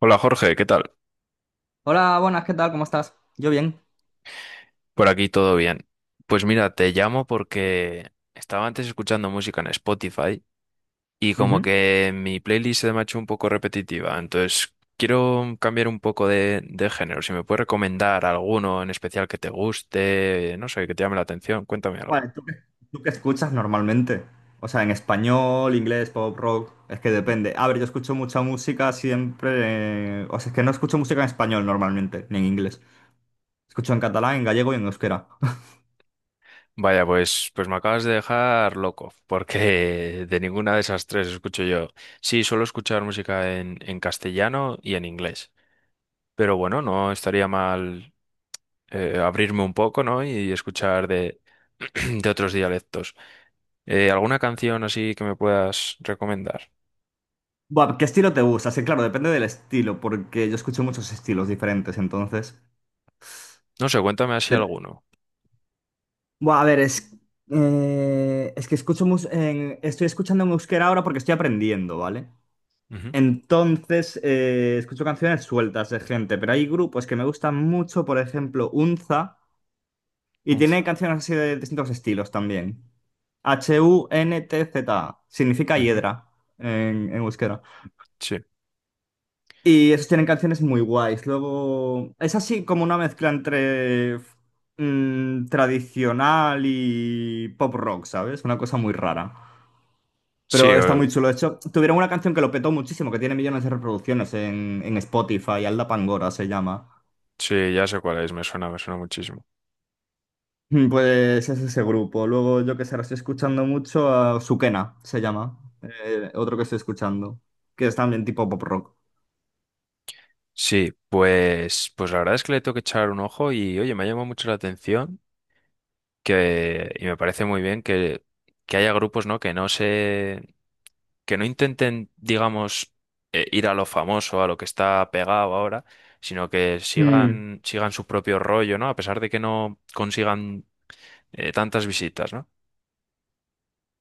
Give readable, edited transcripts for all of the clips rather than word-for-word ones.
Hola Jorge, ¿qué tal? Hola, buenas, ¿qué tal? ¿Cómo estás? Yo bien. Por aquí todo bien. Pues mira, te llamo porque estaba antes escuchando música en Spotify y como Ujú. que mi playlist se me ha hecho un poco repetitiva, entonces quiero cambiar un poco de género. Si me puedes recomendar alguno en especial que te guste, no sé, que te llame la atención, cuéntame algo. Vale, ¿tú qué escuchas normalmente? O sea, en español, inglés, pop, rock, es que depende. A ver, yo escucho mucha música siempre. O sea, es que no escucho música en español normalmente, ni en inglés. Escucho en catalán, en gallego y en euskera. Vaya, pues me acabas de dejar loco, porque de ninguna de esas tres escucho yo. Sí, suelo escuchar música en castellano y en inglés. Pero bueno, no estaría mal, abrirme un poco, ¿no? Y escuchar de, de otros dialectos. ¿Alguna canción así que me puedas recomendar? Buah, ¿qué estilo te gusta? Sí, claro, depende del estilo, porque yo escucho muchos estilos diferentes, entonces. No sé, cuéntame así de- alguno. Buah, a ver, es. Es que escucho Estoy escuchando en euskera ahora porque estoy aprendiendo, ¿vale? Ujú. Entonces, escucho canciones sueltas de gente, pero hay grupos que me gustan mucho, por ejemplo, Unza, y tiene Unza. canciones así de distintos estilos también. HUNTZ, significa Ujú. hiedra en euskera. Sí. Y esos tienen canciones muy guays. Luego, es así como una mezcla entre tradicional y pop rock, ¿sabes? Una cosa muy rara. Sí, Pero está o- muy chulo. De hecho, tuvieron una canción que lo petó muchísimo, que tiene millones de reproducciones en Spotify, Alda Pangora se llama. sí, ya sé cuál es, me suena muchísimo. Pues es ese grupo. Luego yo que sé, ahora estoy escuchando mucho a Sukena, se llama. Otro que estoy escuchando, que es también tipo pop rock. Sí, pues, pues la verdad es que le tengo que echar un ojo y oye, me ha llamado mucho la atención que, y me parece muy bien que haya grupos, ¿no? Que no intenten, digamos, ir a lo famoso, a lo que está pegado ahora, sino que Mm. sigan su propio rollo, ¿no? A pesar de que no consigan tantas visitas, ¿no?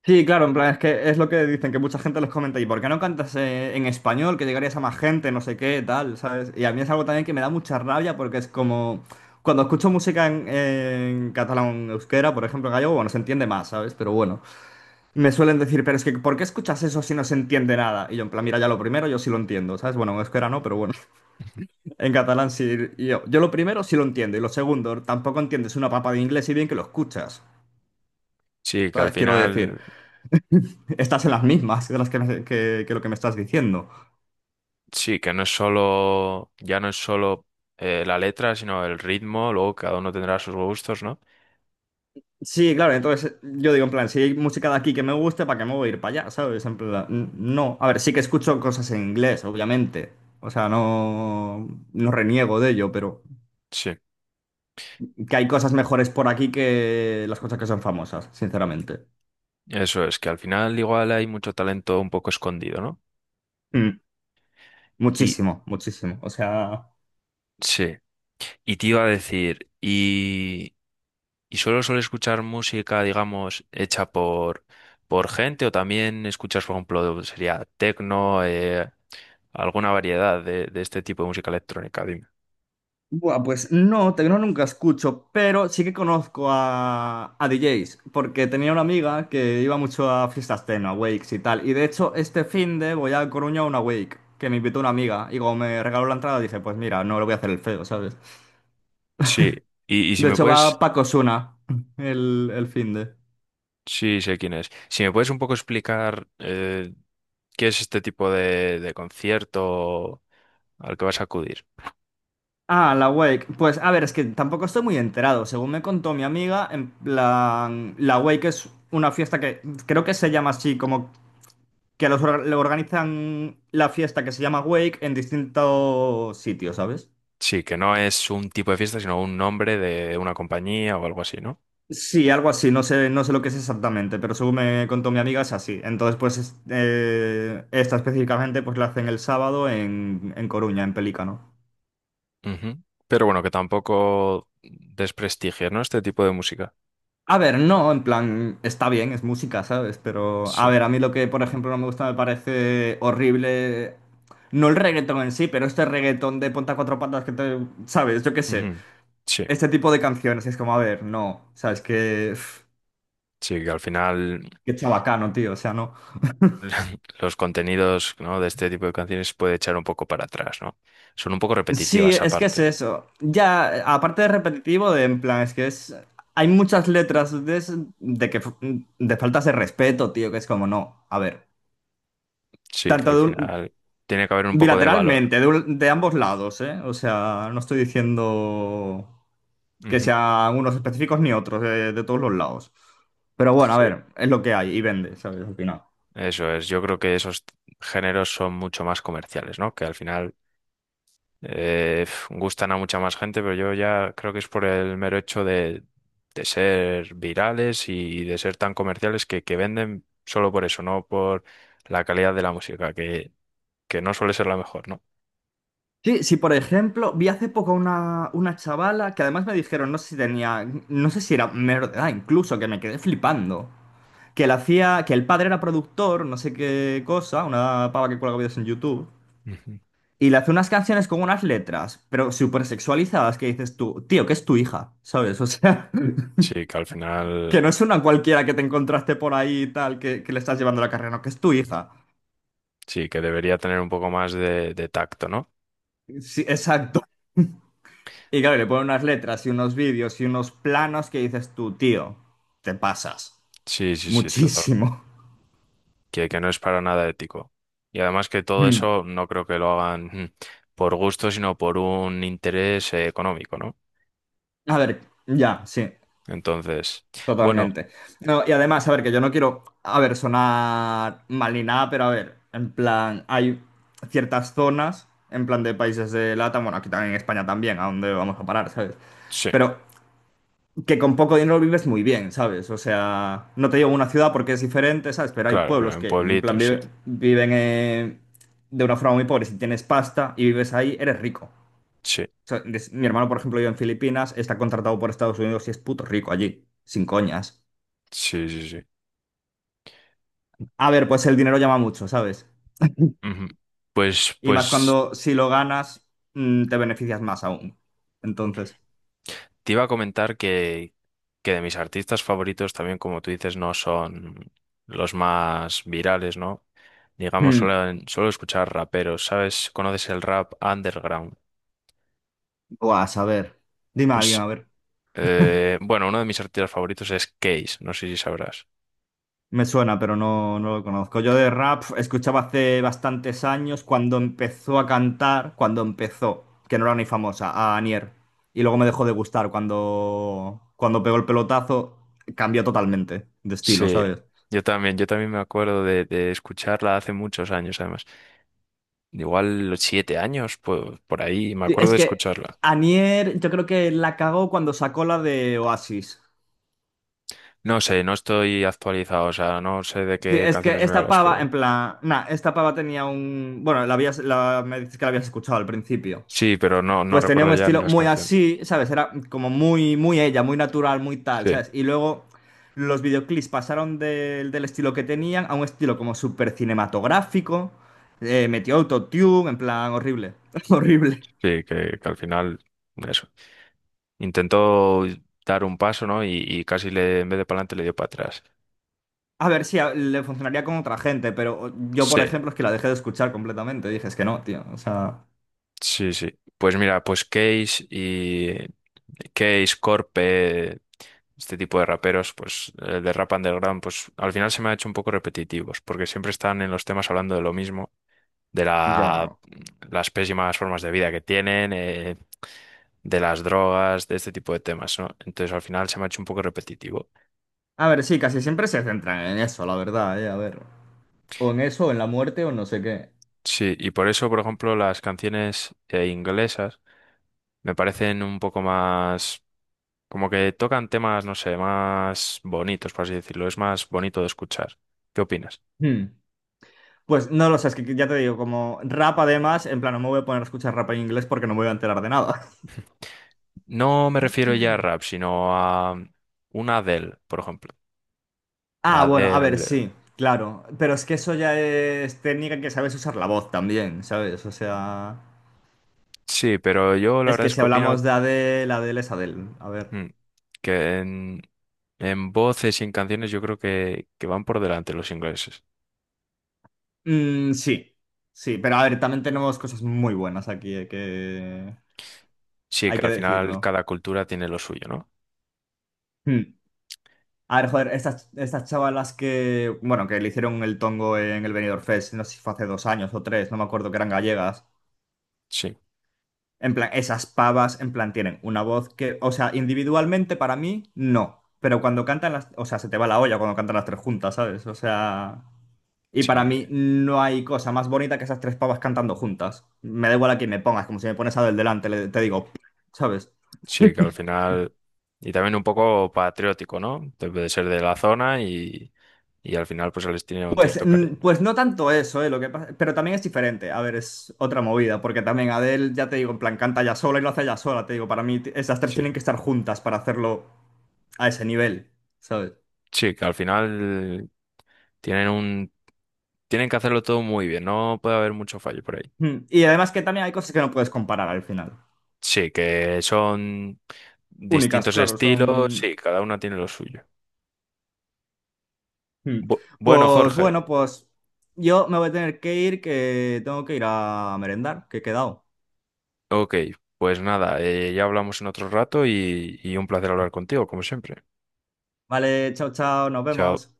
Sí, claro, en plan, es que es lo que dicen, que mucha gente les comenta, ¿y por qué no cantas en español? Que llegarías a más gente, no sé qué, tal, ¿sabes? Y a mí es algo también que me da mucha rabia porque es como, cuando escucho música en catalán, euskera, por ejemplo, en gallego, bueno, se entiende más, ¿sabes? Pero bueno, me suelen decir, pero es que, ¿por qué escuchas eso si no se entiende nada? Y yo, en plan, mira, ya lo primero yo sí lo entiendo, ¿sabes? Bueno, en euskera no, pero bueno, en catalán sí, y yo lo primero sí lo entiendo, y lo segundo, tampoco entiendes una papa de inglés y bien que lo escuchas, Sí, que al ¿sabes? Quiero decir. final, Estás en las mismas de las que, que lo que me estás diciendo. sí, que no es solo, ya no es solo, la letra, sino el ritmo, luego cada uno tendrá sus gustos, ¿no? Sí, claro, entonces yo digo, en plan, si hay música de aquí que me guste, ¿para qué me voy a ir para allá? ¿Sabes? En plan, no. A ver, sí que escucho cosas en inglés, obviamente. O sea, no, no reniego de ello, pero Sí, que hay cosas mejores por aquí que las cosas que son famosas, sinceramente. eso es, que al final igual hay mucho talento un poco escondido, ¿no? Mm, Y Muchísimo, muchísimo. O sea. sí, y te iba a decir, y solo suelo escuchar música, digamos, hecha por gente o también escuchas, por ejemplo, sería techno, alguna variedad de este tipo de música electrónica, dime. Buah, pues no, tecno nunca escucho, pero sí que conozco a DJs, porque tenía una amiga que iba mucho a fiestas techno, a wakes y tal. Y de hecho, este finde voy a Coruña a una wake, que me invitó una amiga. Y como me regaló la entrada, dije, pues mira, no le voy a hacer el feo, ¿sabes? Sí, y si De me hecho, va puedes, Paco Suna el finde. sí, sé quién es. Si me puedes un poco explicar qué es este tipo de concierto al que vas a acudir. Ah, la Wake. Pues a ver, es que tampoco estoy muy enterado. Según me contó mi amiga, en plan, la Wake es una fiesta que creo que se llama así como que los le organizan la fiesta que se llama Wake en distintos sitios, ¿sabes? Sí, que no es un tipo de fiesta, sino un nombre de una compañía o algo así, ¿no? Sí, algo así, no sé lo que es exactamente, pero según me contó mi amiga es así. Entonces, pues esta específicamente pues la hacen el sábado en Coruña, en Pelícano. Ujú. Pero bueno, que tampoco desprestigie, ¿no? Este tipo de música. A ver, no, en plan, está bien, es música, ¿sabes? Pero, Sí. a ver, a mí lo que, por ejemplo, no me gusta, me parece horrible, no el reggaetón en sí, pero este reggaetón de ponta cuatro patas que te, ¿sabes? Yo qué sé. Ujú. Sí, Este tipo de canciones. Y es como, a ver, no. O sea, es que. Sí, que al final Qué chabacano, tío. O sea, no. los contenidos, ¿no?, de este tipo de canciones puede echar un poco para atrás, ¿no? Son un poco Sí, repetitivas es que es aparte. eso. Ya, aparte de repetitivo, de en plan, es que es. Hay muchas letras de, de que de faltas de respeto, tío, que es como, no. A ver. Sí, que Tanto al de final tiene que haber un poco de valor. bilateralmente, de, de ambos lados, ¿eh? O sea, no estoy diciendo que Ujú. sean unos específicos ni otros, de todos los lados. Pero bueno, a Sí. ver, es lo que hay y vende, ¿sabes? Al final. Eso es, yo creo que esos géneros son mucho más comerciales, ¿no? Que al final, gustan a mucha más gente, pero yo ya creo que es por el mero hecho de ser virales y de ser tan comerciales que venden solo por eso, no por la calidad de la música, que no suele ser la mejor, ¿no? Sí, sí, por ejemplo, vi hace poco una chavala que además me dijeron, no sé si tenía, no sé si era menor de edad, incluso, que me quedé flipando. Que le hacía, que el padre era productor, no sé qué cosa, una pava que cuelga vídeos en YouTube, Ujú. y le hace unas canciones con unas letras, pero súper sexualizadas, que dices tú, tío, que es tu hija, ¿sabes? O sea, Sí, que al final que no es una cualquiera que te encontraste por ahí y tal, que le estás llevando la carrera, no, que es tu hija. sí, que debería tener un poco más de tacto, ¿no? Sí, exacto. Y claro, le ponen unas letras y unos vídeos y unos planos que dices tú, tío, te pasas Sí, sí, sí, totalmente. muchísimo. Que no es para nada ético. Y además que todo Mm. eso no creo que lo hagan por gusto, sino por un interés económico, ¿no? A ver, ya, sí, Entonces, bueno, totalmente. No, y además, a ver, que yo no quiero, a ver, sonar mal ni nada, pero a ver, en plan, hay ciertas zonas, en plan de países de LATAM, bueno, aquí también en España también, a dónde vamos a parar, ¿sabes? sí, Pero que con poco dinero vives muy bien, ¿sabes? O sea, no te digo una ciudad porque es diferente, ¿sabes? Pero hay claro, pero pueblos en que, en plan, pueblitos, sí, viven de una forma muy pobre. Si tienes pasta y vives ahí, eres rico. O sí, sea, mi hermano, por ejemplo, vive en Filipinas, está contratado por Estados Unidos y es puto rico allí, sin coñas. sí, sí, sí. A ver, pues el dinero llama mucho, ¿sabes? Ujú. Pues, Y más pues. cuando si lo ganas, te beneficias más aún. Entonces, Te iba a comentar que de mis artistas favoritos también, como tú dices, no son los más virales, ¿no? Digamos, hmm, suelo escuchar raperos, ¿sabes? ¿Conoces el rap underground? buah, a saber. Dime a alguien, Es, a ver. Bueno, uno de mis artistas favoritos es Case, no sé si sabrás. Me suena, pero no, no lo conozco. Yo de rap escuchaba hace bastantes años cuando empezó a cantar, cuando empezó, que no era ni famosa, a Anier. Y luego me dejó de gustar cuando pegó el pelotazo, cambió totalmente de estilo, Sí, ¿sabes? Yo también me acuerdo de escucharla hace muchos años, además. Igual los siete años, pues por ahí, me Sí, acuerdo es de que escucharla. Anier yo creo que la cagó cuando sacó la de Oasis. No sé, no estoy actualizado, o sea, no sé de Sí, qué es que canciones me esta hablas, pava, en pero... plan, nah, esta pava tenía un... Bueno, la habías, me dices que la habías escuchado al principio. Sí, pero no, no Pues tenía recuerdo un ya ni estilo las muy canciones. así, ¿sabes? Era como muy, muy ella, muy natural, muy tal, Sí, ¿sabes? Y luego los videoclips pasaron del estilo que tenían a un estilo como súper cinematográfico. Metió autotune, en plan horrible, horrible. sí, que al final, eso. Intentó dar un paso, ¿no? Y casi le, en vez de para adelante le dio para atrás. A ver, sí, le funcionaría con otra gente, pero yo, Sí, por ejemplo, es que la dejé de escuchar completamente. Dije, es que no, tío, o sea... sí, sí. Pues mira, pues Corpe, este tipo de raperos, pues de rap underground, pues al final se me ha hecho un poco repetitivos, porque siempre están en los temas hablando de lo mismo. de Yo la- no. las pésimas formas de vida que tienen, de las drogas, de este tipo de temas, ¿no? Entonces al final se me ha hecho un poco repetitivo. A ver, sí, casi siempre se centran en eso, la verdad, a ver. O en eso, o en la muerte, o no sé qué. Sí, y por eso, por ejemplo, las canciones, inglesas me parecen un poco más, como que tocan temas, no sé, más bonitos, por así decirlo, es más bonito de escuchar. ¿Qué opinas? Hmm. Pues no lo sé, es que ya te digo, como rap además, en plan, no me voy a poner a escuchar rap en inglés porque no me voy a enterar de nada. No me refiero ya a rap, sino a una Adele, por ejemplo. Ah, bueno, a ver, Adele, sí, claro, pero es que eso ya es técnica que sabes usar la voz también, ¿sabes? O sea, sí, pero yo la es verdad que es si que opino. hablamos de Adele, Adele es Adele, a ver. Mm. Que en voces y en canciones yo creo que van por delante los ingleses. Mm, sí, sí, pero a ver, también tenemos cosas muy buenas aquí, hay que, Sí, hay que que al final decirlo. cada cultura tiene lo suyo, ¿no? Hmm. A ver, joder, estas chavalas que, bueno, que le hicieron el tongo en el Benidorm Fest, no sé si fue hace 2 años o 3, no me acuerdo que eran gallegas. Sí, En plan, esas pavas, en plan, tienen una voz que, o sea, individualmente para mí, no. Pero cuando cantan las, o sea, se te va la olla cuando cantan las tres juntas, ¿sabes? O sea, y sí, para mí que, no hay cosa más bonita que esas tres pavas cantando juntas. Me da igual a quién me pongas, como si me pones a del delante, te digo, ¿sabes? sí, que al final... Y también un poco patriótico, ¿no? Debe de ser de la zona y al final pues se les tiene un Pues, cierto mm, cariño. pues no tanto eso, ¿eh? Pero también es diferente. A ver, es otra movida, porque también Adele, ya te digo, en plan, canta ya sola y lo hace ya sola, te digo, para mí esas tres Sí, tienen que estar juntas para hacerlo a ese nivel, ¿sabes? sí, que al final tienen un... Tienen que hacerlo todo muy bien, no puede haber mucho fallo por ahí. Y además que también hay cosas que no puedes comparar al final. Sí, que son Únicas, distintos claro, estilos, son... sí, cada una tiene lo suyo. Mm. Bueno, Pues Jorge, bueno, pues yo me voy a tener que ir, que tengo que ir a merendar, que he quedado. ok, pues nada, ya hablamos en otro rato y un placer hablar contigo, como siempre. Vale, chao, chao, nos Chao. vemos.